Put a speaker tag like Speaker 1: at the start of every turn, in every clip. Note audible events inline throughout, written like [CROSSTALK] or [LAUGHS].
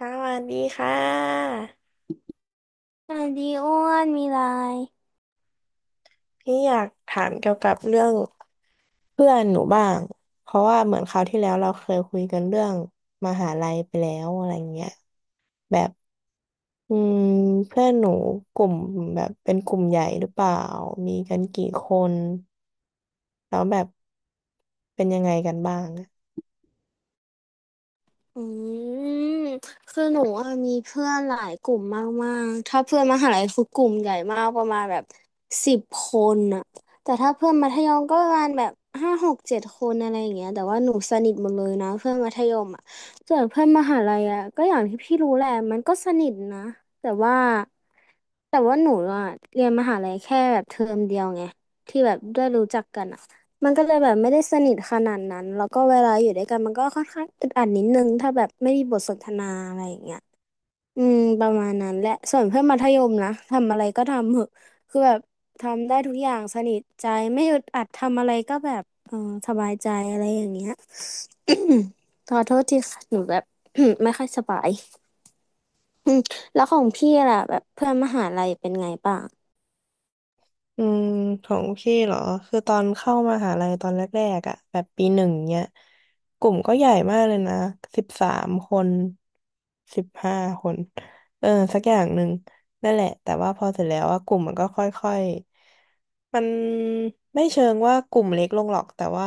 Speaker 1: สวัสดีค่ะ
Speaker 2: สวัสดีอ้วนมีไลน์
Speaker 1: พี่อยากถามเกี่ยวกับเรื่องเพื่อนหนูบ้างเพราะว่าเหมือนคราวที่แล้วเราเคยคุยกันเรื่องมหาลัยไปแล้วอะไรเงี้ยแบบอืมเพื่อนหนูกลุ่มแบบเป็นกลุ่มใหญ่หรือเปล่ามีกันกี่คนแล้วแบบเป็นยังไงกันบ้าง
Speaker 2: อืมคือหนูอะมีเพื่อนหลายกลุ่มมากๆถ้าเพื่อนมหาลัยคือกลุ่มใหญ่มากประมาณแบบ10 คนอะแต่ถ้าเพื่อนมัธยมก็ประมาณแบบห้าหกเจ็ดคนอะไรอย่างเงี้ยแต่ว่าหนูสนิทหมดเลยนะเพื่อนมัธยมอะส่วนเพื่อนมหาลัยอะก็อย่างที่พี่รู้แหละมันก็สนิทนะแต่ว่าแต่ว่าหนูอะเรียนมหาลัยแค่แบบเทอมเดียวไงที่แบบได้รู้จักกันอะ มันก็เลยแบบไม่ได้สนิทขนาดนั้นแล้วก็เวลาอยู่ด้วยกันมันก็ค่อนข้างอึดอัดนิดนึงถ้าแบบไม่มีบทสนทนาอะไรอย่างเงี้ยอืมประมาณนั้นแหละส่วนเพื่อนมัธยมนะทำอะไรก็ทำเหอะคือแบบทำได้ทุกอย่างสนิทใจไม่อึดอัดทำอะไรก็แบบเออสบายใจอะไรอย่างเงี้ย [COUGHS] ขอโทษที่ค่ะหนูแบบ [COUGHS] ไม่ค่อยสบาย [COUGHS] อืมแล้วของพี่ล่ะแบบเพื่อนมหาลัยเป็นไงบ้าง
Speaker 1: อืมของพี่เหรอคือตอนเข้ามหาลัยตอนแรกๆอ่ะแบบปีหนึ่งเนี้ยกลุ่มก็ใหญ่มากเลยนะ13คน15คนเออสักอย่างหนึ่งนั่นแหละแต่ว่าพอเสร็จแล้วว่ากลุ่มมันก็ค่อยๆมันไม่เชิงว่ากลุ่มเล็กลงหรอกแต่ว่า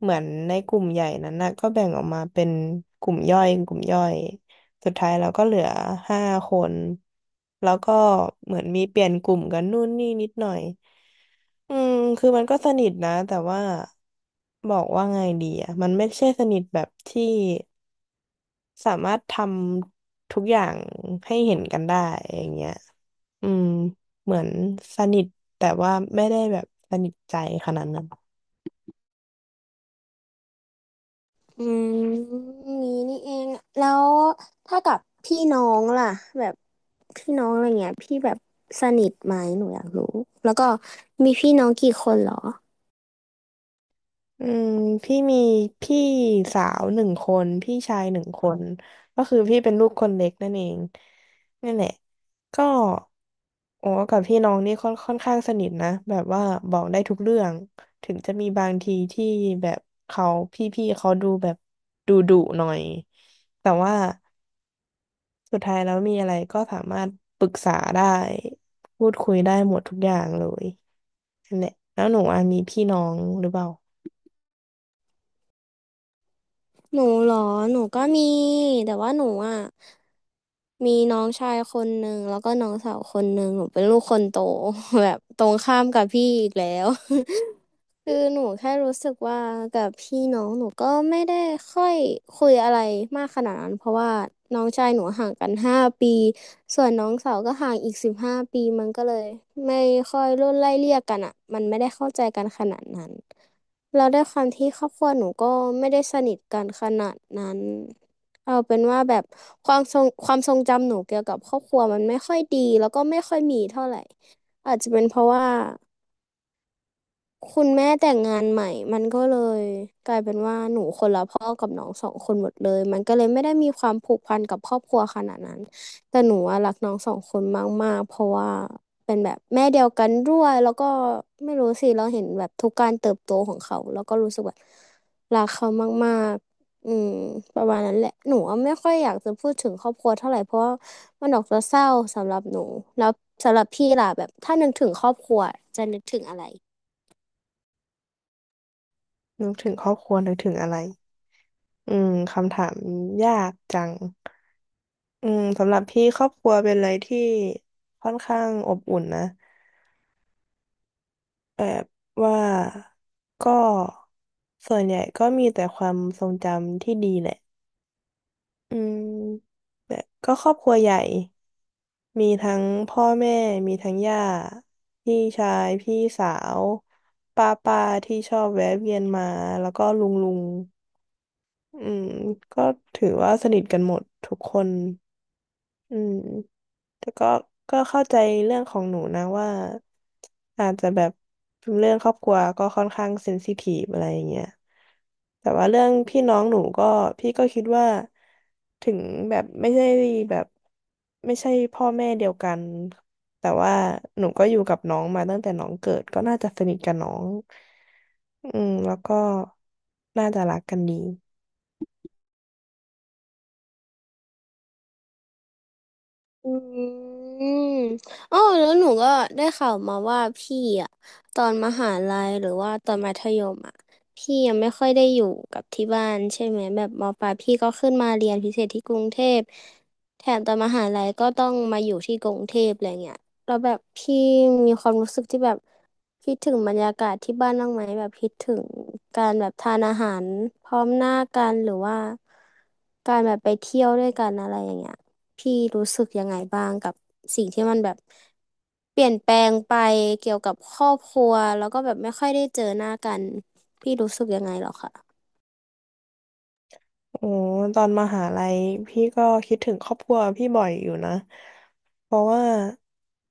Speaker 1: เหมือนในกลุ่มใหญ่นั้นนะก็แบ่งออกมาเป็นกลุ่มย่อยกลุ่มย่อย สุดท้ายเราก็เหลือห้าคนแล้วก็เหมือนมีเปลี่ยนกลุ่มกันนู่นนี่นิดหน่อยอืมคือมันก็สนิทนะแต่ว่าบอกว่าไงดีอ่ะมันไม่ใช่สนิทแบบที่สามารถทำทุกอย่างให้เห็นกันได้อย่างเงี้ยอืมเหมือนสนิทแต่ว่าไม่ได้แบบสนิทใจขนาดนั้น
Speaker 2: อืมนี้นี่เองแล้วถ้ากับพี่น้องล่ะแบบพี่น้องอะไรเงี้ยพี่แบบสนิทไหมหนูอยากรู้แล้วก็มีพี่น้องกี่คนเหรอ
Speaker 1: อืมพี่มีพี่สาวหนึ่งคนพี่ชายหนึ่งคนก็คือพี่เป็นลูกคนเล็กนั่นเองนั่นแหละก็โอ้กับพี่น้องนี่ค่อนข้างสนิทนะแบบว่าบอกได้ทุกเรื่องถึงจะมีบางทีที่แบบเขาพี่เขาดูแบบดุดุหน่อยแต่ว่าสุดท้ายแล้วมีอะไรก็สามารถปรึกษาได้พูดคุยได้หมดทุกอย่างเลยนั่นแหละแล้วหนูอะมีพี่น้องหรือเปล่า
Speaker 2: หนูเหรอหนูก็มีแต่ว่าหนูอ่ะมีน้องชายคนหนึ่งแล้วก็น้องสาวคนหนึ่งหนูเป็นลูกคนโต [LAUGHS] แบบตรงข้ามกับพี่อีกแล้ว [LAUGHS] คือหนูแค่รู้สึกว่ากับพี่น้องหนูก็ไม่ได้ค่อยคุยอะไรมากขนาดนั้นเพราะว่าน้องชายหนูห่างกันห้าปีส่วนน้องสาวก็ห่างอีก15 ปีมันก็เลยไม่ค่อยรุ่นไล่เลี่ยกันอ่ะมันไม่ได้เข้าใจกันขนาดนั้นเราได้วยความที่ครอบครัวหนูก็ไม่ได้สนิทกันขนาดนั้นเอาเป็นว่าแบบความทรงจำหนูเกี่ยวกับครอบครัวมันไม่ค่อยดีแล้วก็ไม่ค่อยมีเท่าไหร่อาจจะเป็นเพราะว่า คุณแม่แต่งงานใหม่มันก็เลยกลายเป็นว่าหนูคนละพ่อกับน้องสองคนหมดเลยมันก็เลยไม่ได้มีความผูกพันกับครอบครัวขนาดนั้นแต่หนูอะรักน้องสองคนมากๆเพราะว่าเป็นแบบแม่เดียวกันด้วยแล้วก็ไม่รู้สิเราเห็นแบบทุกการเติบโตของเขาแล้วก็รู้สึกแบบรักเขามากๆอืมประมาณนั้นแหละหนูอะไม่ค่อยอยากจะพูดถึงครอบครัวเท่าไหร่เพราะว่ามันออกจะเศร้าสำหรับหนูแล้วสำหรับพี่ล่ะแบบถ้านึกถึงครอบครัวจะนึกถึงอะไร
Speaker 1: นึกถึงครอบครัวนึกถึงอะไร อืมคำถามยากจังอืมสำหรับพี่ครอบครัวเป็นอะไรที่ค่อนข้างอบอุ่นนะแบบว่าก็ส่วนใหญ่ก็มีแต่ความทรงจำที่ดีแหละอืมแบบก็ครอบครัวใหญ่มีทั้งพ่อแม่มีทั้งย่าพี่ชายพี่สาวป้าป้าที่ชอบแวะเวียนมาแล้วก็ลุงลุงอืมก็ถือว่าสนิทกันหมดทุกคน อืมแต่ก็ก็เข้าใจเรื่องของหนูนะว่าอาจจะแบบเรื่องครอบครัวก็ค่อนข้างเซนซิทีฟอะไรอย่างเงี้ยแต่ว่าเรื่องพี่น้องหนูก็พี่ก็คิดว่าถึงแบบไม่ใช่แบบไม่ใช่พ่อแม่เดียวกันแต่ว่าหนูก็อยู่กับน้องมาตั้งแต่น้องเกิดก็น่าจะสนิทกับน้องอืมแล้วก็น่าจะรักกันดี
Speaker 2: อืมอ๋อแล้วหนูก็ได้ข่าวมาว่าพี่อะตอนมหาลัยหรือว่าตอนมัธยมอะพี่ยังไม่ค่อยได้อยู่กับที่บ้านใช่ไหมแบบมปลายพี่ก็ขึ้นมาเรียนพิเศษที่กรุงเทพแถมตอนมหาลัยก็ต้องมาอยู่ที่กรุงเทพอะไรเงี้ยแล้วแบบพี่มีความรู้สึกที่แบบคิดถึงบรรยากาศที่บ้านบ้างไหมแบบคิดถึงการแบบทานอาหารพร้อมหน้ากันหรือว่าการแบบไปเที่ยวด้วยกันอะไรอย่างเงี้ย พี่รู้สึกยังไงบ้างกับสิ่งที่มันแบบเปลี่ยนแปลงไปเกี่ยวกับครอบครัวแล้วก็แบบไม่ค่อยได้เจอหน้ากันพี่รู้สึกยังไงเหรอคะ
Speaker 1: โอ้ตอนมหาลัยพี่ก็คิดถึงครอบครัวพี่บ่อยอยู่นะเพราะว่า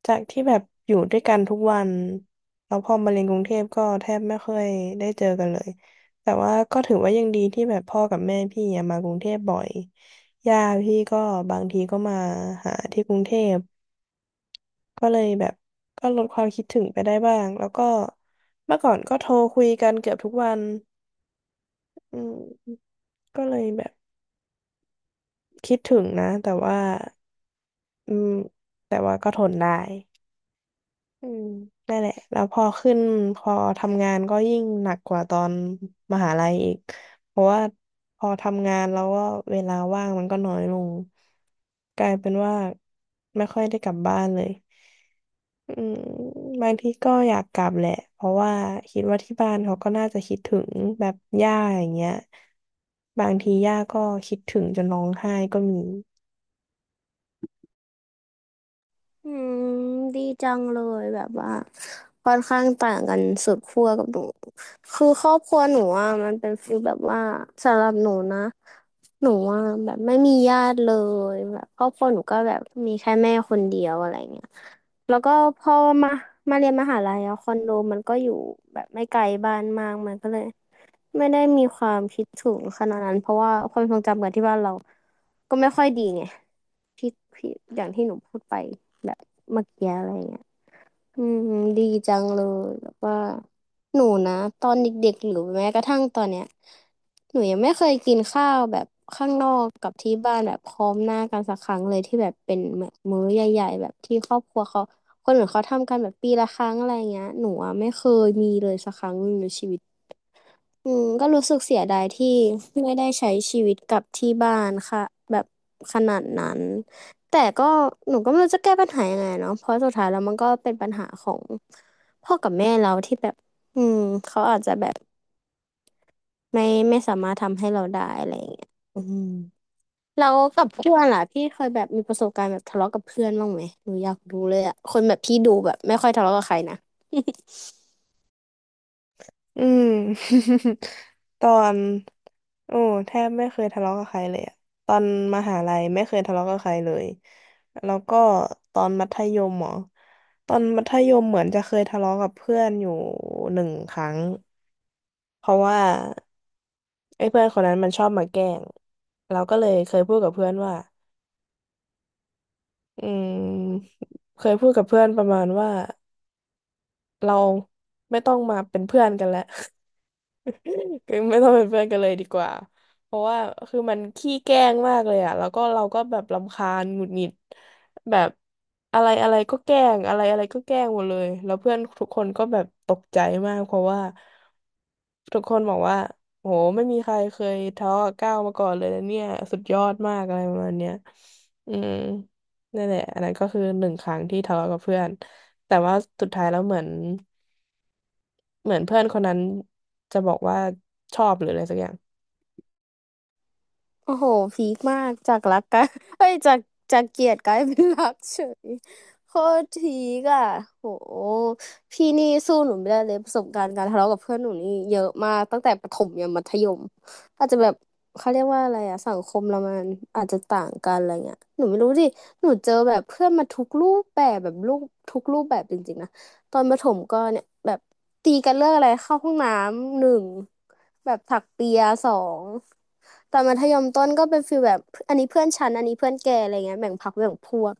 Speaker 1: จากที่แบบอยู่ด้วยกันทุกวันแล้วพอมาเรียนกรุงเทพก็แทบไม่ค่อยได้เจอกันเลยแต่ว่าก็ถือว่ายังดีที่แบบพ่อกับแม่พี่อะมากรุงเทพบ่อยย่าพี่ก็บางทีก็มาหาที่กรุงเทพก็เลยแบบก็ลดความคิดถึงไปได้บ้างแล้วก็เมื่อก่อนก็โทรคุยกันเกือบทุกวันอืมก็เลยแบบคิดถึงนะแต่ว่า อืมแต่ว่าก็ทนได้อืมนั่นแหละแล้วพอทำงานก็ยิ่งหนักกว่าตอนมหาลัยอีกเพราะว่าพอทำงานแล้วก็เวลาว่างมันก็น้อยลงกลายเป็นว่าไม่ค่อยได้กลับบ้านเลยอืมบางทีก็อยากกลับแหละเพราะว่าคิดว่าที่บ้านเขาก็น่าจะคิดถึงแบบย่าอย่างเงี้ยบางทีย่าก็คิดถึงจนร้องไห้ก็มี
Speaker 2: อืมดีจังเลยแบบว่าค่อนข้างต่างกันสุดขั้วกับหนูคือครอบครัวหนูอ่ะมันเป็นฟีลแบบว่าสำหรับหนูนะหนูอ่ะแบบไม่มีญาติเลยแบบครอบครัวหนูก็แบบมีแค่แม่คนเดียวอะไรเงี้ยแล้วก็พอมามาเรียนมหาลัยอะคอนโดมันก็อยู่แบบไม่ไกลบ้านมากมันก็เลย ไม่ได้มีความคิดถึงขนาดนั้นเพราะว่าความทรงจำกับที่บ้านเราก็ไม่ค่อยดีไงพี่พี่อย่างที่หนูพูดไปแบบเมื่อกี้อะไรเงี้ยอืมดีจังเลยแบบว่าหนูนะตอนเด็กๆหรือแม้กระทั่งตอนเนี้ยหนูยังไม่เคยกินข้าวแบบข้างนอกกับที่บ้านแบบพร้อมหน้ากันสักครั้งเลยที่แบบเป็นแบบมื้อใหญ่ๆแบบที่ครอบครัวเขาคนอื่นเขาทำกันแบบปีละครั้งอะไรเงี้ยหนูอะไม่เคยมีเลยสักครั้งหนึ่งในชีวิต อืมก็รู้สึกเสียดายที่ไม่ได้ใช้ชีวิตกับที่บ้านค่ะแบบขนาดนั้นแต่ก็หนูก็ไม่รู้จะแก้ปัญหายังไงเนาะเพราะสุดท้ายแล้วมันก็เป็นปัญหาของพ่อกับแม่เราที่แบบอืมเขาอาจจะแบบไม่ไม่สามารถทำให้เราได้อะไรอย่างเงี้ยอืมเรากับเพื่อนล่ะพี่เคยแบบมีประสบการณ์แบบทะเลาะกับเพื่อนบ้างไหมหนูอยากรู้เลยอะคนแบบพี่ดูแบบไม่ค่อยทะเลาะกับใครนะ
Speaker 1: อืม [LAUGHS] ตอนโอ้แทบไม่เคยทะเลาะกับใครเลยอะตอนมหาลัยไม่เคยทะเลาะกับใครเลยแล้วก็ตอนมัธยมเหรอตอนมัธยมเหมือนจะเคยทะเลาะกับเพื่อนอยู่หนึ่งครั้งเพราะว่าไอ้เพื่อนคนนั้นมันชอบมาแกล้งเราก็เลยเคยพูดกับเพื่อนว่าอืมเคยพูดกับเพื่อนประมาณว่าเราไม่ต้องมาเป็นเพื่อนกันแล้ว คือไม่ต้องเป็นเพื่อนกันเลยดีกว่า เพราะว่าคือมันขี้แกล้งมากเลยอะแล้วก็เราก็แบบรำคาญหงุดหงิดแบบอะไรอะไรก็แกล้งอะไรอะไรก็แกล้งหมดเลยแล้วเพื่อนทุกคนก็แบบตกใจมากเพราะว่าทุกคนบอกว่าโหไม่มีใครเคยทะเลาะกับก้าวมาก่อนเลยนะเนี่ยสุดยอดมากอะไรประมาณเนี้ยอืมนั่นแหละอันนั้นก็คือหนึ่งครั้งที่ทะเลาะกับเพื่อนแต่ว่าสุดท้ายแล้วเหมือน เหมือนเพื่อนคนนั้นจะบอกว่าชอบหรืออะไรสักอย่าง
Speaker 2: โอ้โหพีคมากจากรักกลาย [LAUGHS] เอ้ยจากเกลียดกลายเป็นรักเฉย [LAUGHS] โคตรพีคอ่ะโหพี่นี่สู้หนูไม่ได้เลยประสบการณ์การทะเลาะกับเพื่อนหนูนี่เยอะมากตั้งแต่ประถมยันมัธยมอาจจะแบบเขาเรียกว่าอะไรอะสังคมเรามันอาจจะต่างกันอะไรเงี้ยหนูไม่รู้ดิหนูเจอแบบเพื่อนมาทุกรูปแบบแบบรูปทุกรูปแบบจริงๆนะ ตอนประถมก็เนี่ยแบบตีกันเรื่องอะไรเข้าห้องน้ำหนึ่งแบบถักเปียสองตอนมัธยมต้นก็เป็นฟีลแบบอันนี้เพื่อนฉันอันนี้เพื่อนแกอะไรเงี้ยแบ่งพรรคแบ่งพวก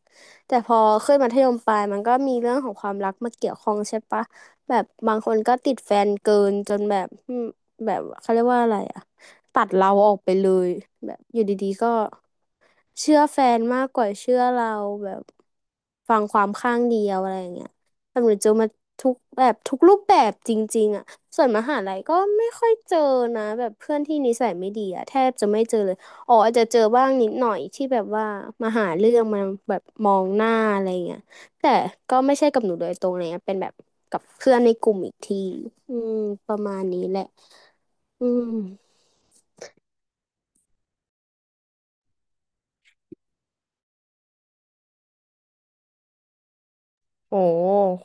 Speaker 2: แต่พอขึ้นมัธยมปลายมันก็มีเรื่องของความรักมาเกี่ยวข้องใช่ปะแบบบางคนก็ติดแฟนเกินจนแบบอืมแบบเขาเรียกว่าอะไรอะตัดเราออกไปเลยแบบอยู่ดีๆก็เชื่อแฟนมากกว่าเชื่อเราแบบฟังความข้างเดียวอะไรอย่างเงี้ย แบบหนูเจอมาทุกแบบทุกรูปแบบจริงๆอ่ะส่วนมหาลัยก็ไม่ค่อยเจอนะแบบเพื่อนที่นิสัยไม่ดีอ่ะแทบจะไม่เจอเลยอ๋ออาจจะเจอบ้างนิดหน่อยที่แบบว่ามาหาเรื่องมาแบบมองหน้าอะไรเงี้ยแต่ก็ไม่ใช่กับหนูโดยตรงเลยนะเป็นแบบกับเพื่อนในกลุ่มอีกทีอืมประมาณนี้แหละอืม
Speaker 1: โอ้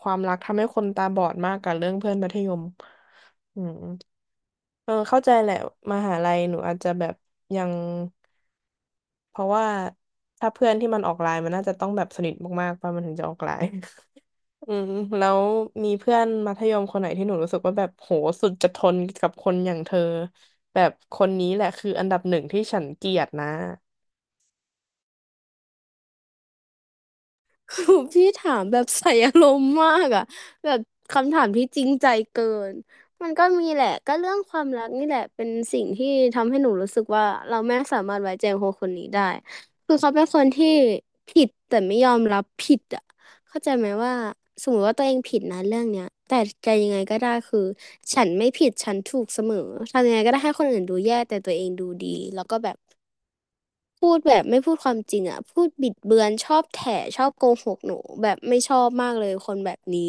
Speaker 1: ความรักทำให้คนตาบอดมากกับเรื่องเพื่อนมัธยมอืมเออเข้าใจแหละมหาลัยหนูอาจจะแบบยังเพราะว่าถ้าเพื่อนที่มันออกไลน์มันน่าจะต้องแบบสนิทมากๆป่ะมันถึงจะออกไลน์ [LAUGHS] อืมแล้วมีเพื่อนมัธยมคนไหนที่หนูรู้สึกว่าแบบโหสุดจะทนกับคนอย่างเธอแบบคนนี้แหละคืออันดับหนึ่งที่ฉันเกลียดนะ
Speaker 2: [LAUGHS] พี่ถามแบบ [LAUGHS] ใส่อารมณ์มากอะแบบคำถามที่จริงใจเกินมันก็มีแหละก็เรื่องความรักนี่แหละเป็นสิ่งที่ทำให้หนูรู้สึกว่าเราไม่สามารถไว้ใจคนคนนี้ได้คือเขาเป็นคนที่ผิดแต่ไม่ยอมรับผิดอะเข้าใจไหมว่าสมมติว่าตัวเองผิดนะเรื่องเนี้ยแต่จะยังไงก็ได้คือฉันไม่ผิดฉันถูกเสมอทำยังไงก็ได้ให้คนอื่นดูแย่แต่ตัวเองดูดีแล้วก็แบบ พูดแบบไม่พูดความจริงอ่ะพูดบิดเบือนชอบแถชอบโกหกหนูแบบไม่ชอบมากเลยคนแบบนี้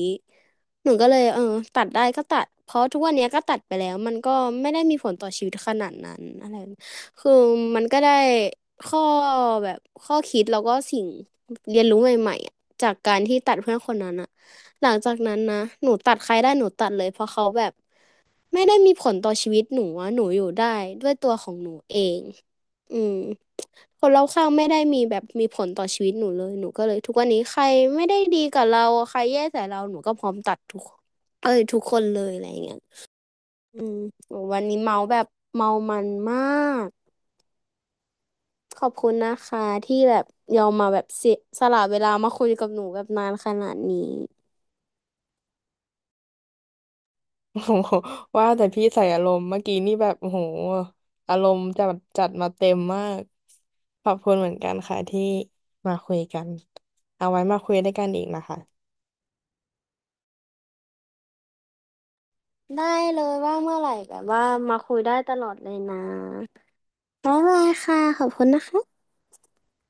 Speaker 2: หนูก็เลยเออตัดได้ก็ตัดเพราะทุกวันเนี้ยก็ตัดไปแล้วมันก็ไม่ได้มีผลต่อชีวิตขนาดนั้นอะไรคือมันก็ได้ข้อแบบข้อคิดแล้วก็สิ่งเรียนรู้ใหม่ๆอะจากการที่ตัดเพื่อนคนนั้นอ่ะหลังจากนั้นนะหนูตัดใครได้หนูตัดเลยเพราะเขาแบบ ไม่ได้มีผลต่อชีวิตหนูอะหนูอยู่ได้ด้วยตัวของหนูเองอืมคนรอบข้างไม่ได้มีแบบมีผลต่อชีวิตหนูเลยหนูก็เลยทุกวันนี้ใครไม่ได้ดีกับเราใครแย่ใส่เราหนูก็พร้อมตัดทุกเอ้ยทุกคนเลยอะไรอย่างเงี้ยอืมวันนี้เมาแบบเมามันมากขอบคุณนะคะที่แบบยอมมาแบบเสียสละเวลามาคุยกับหนูแบบนานขนาดนี้
Speaker 1: [LAUGHS] โอ้โหว่าแต่พี่ใส่อารมณ์เมื่อกี้นี่แบบโอ้โหอารมณ์จัดจัดมาเต็มมากขอบคุณเหมือนกันค่ะที่มาคุยกันเอาไว้มาคุยด้วยกันอีกนะคะ
Speaker 2: ได้เลยว่าเมื่อไหร่แบบว่ามาคุยได้ตลอดเลยนะบ๊ายบายค่ะขอบคุณนะคะ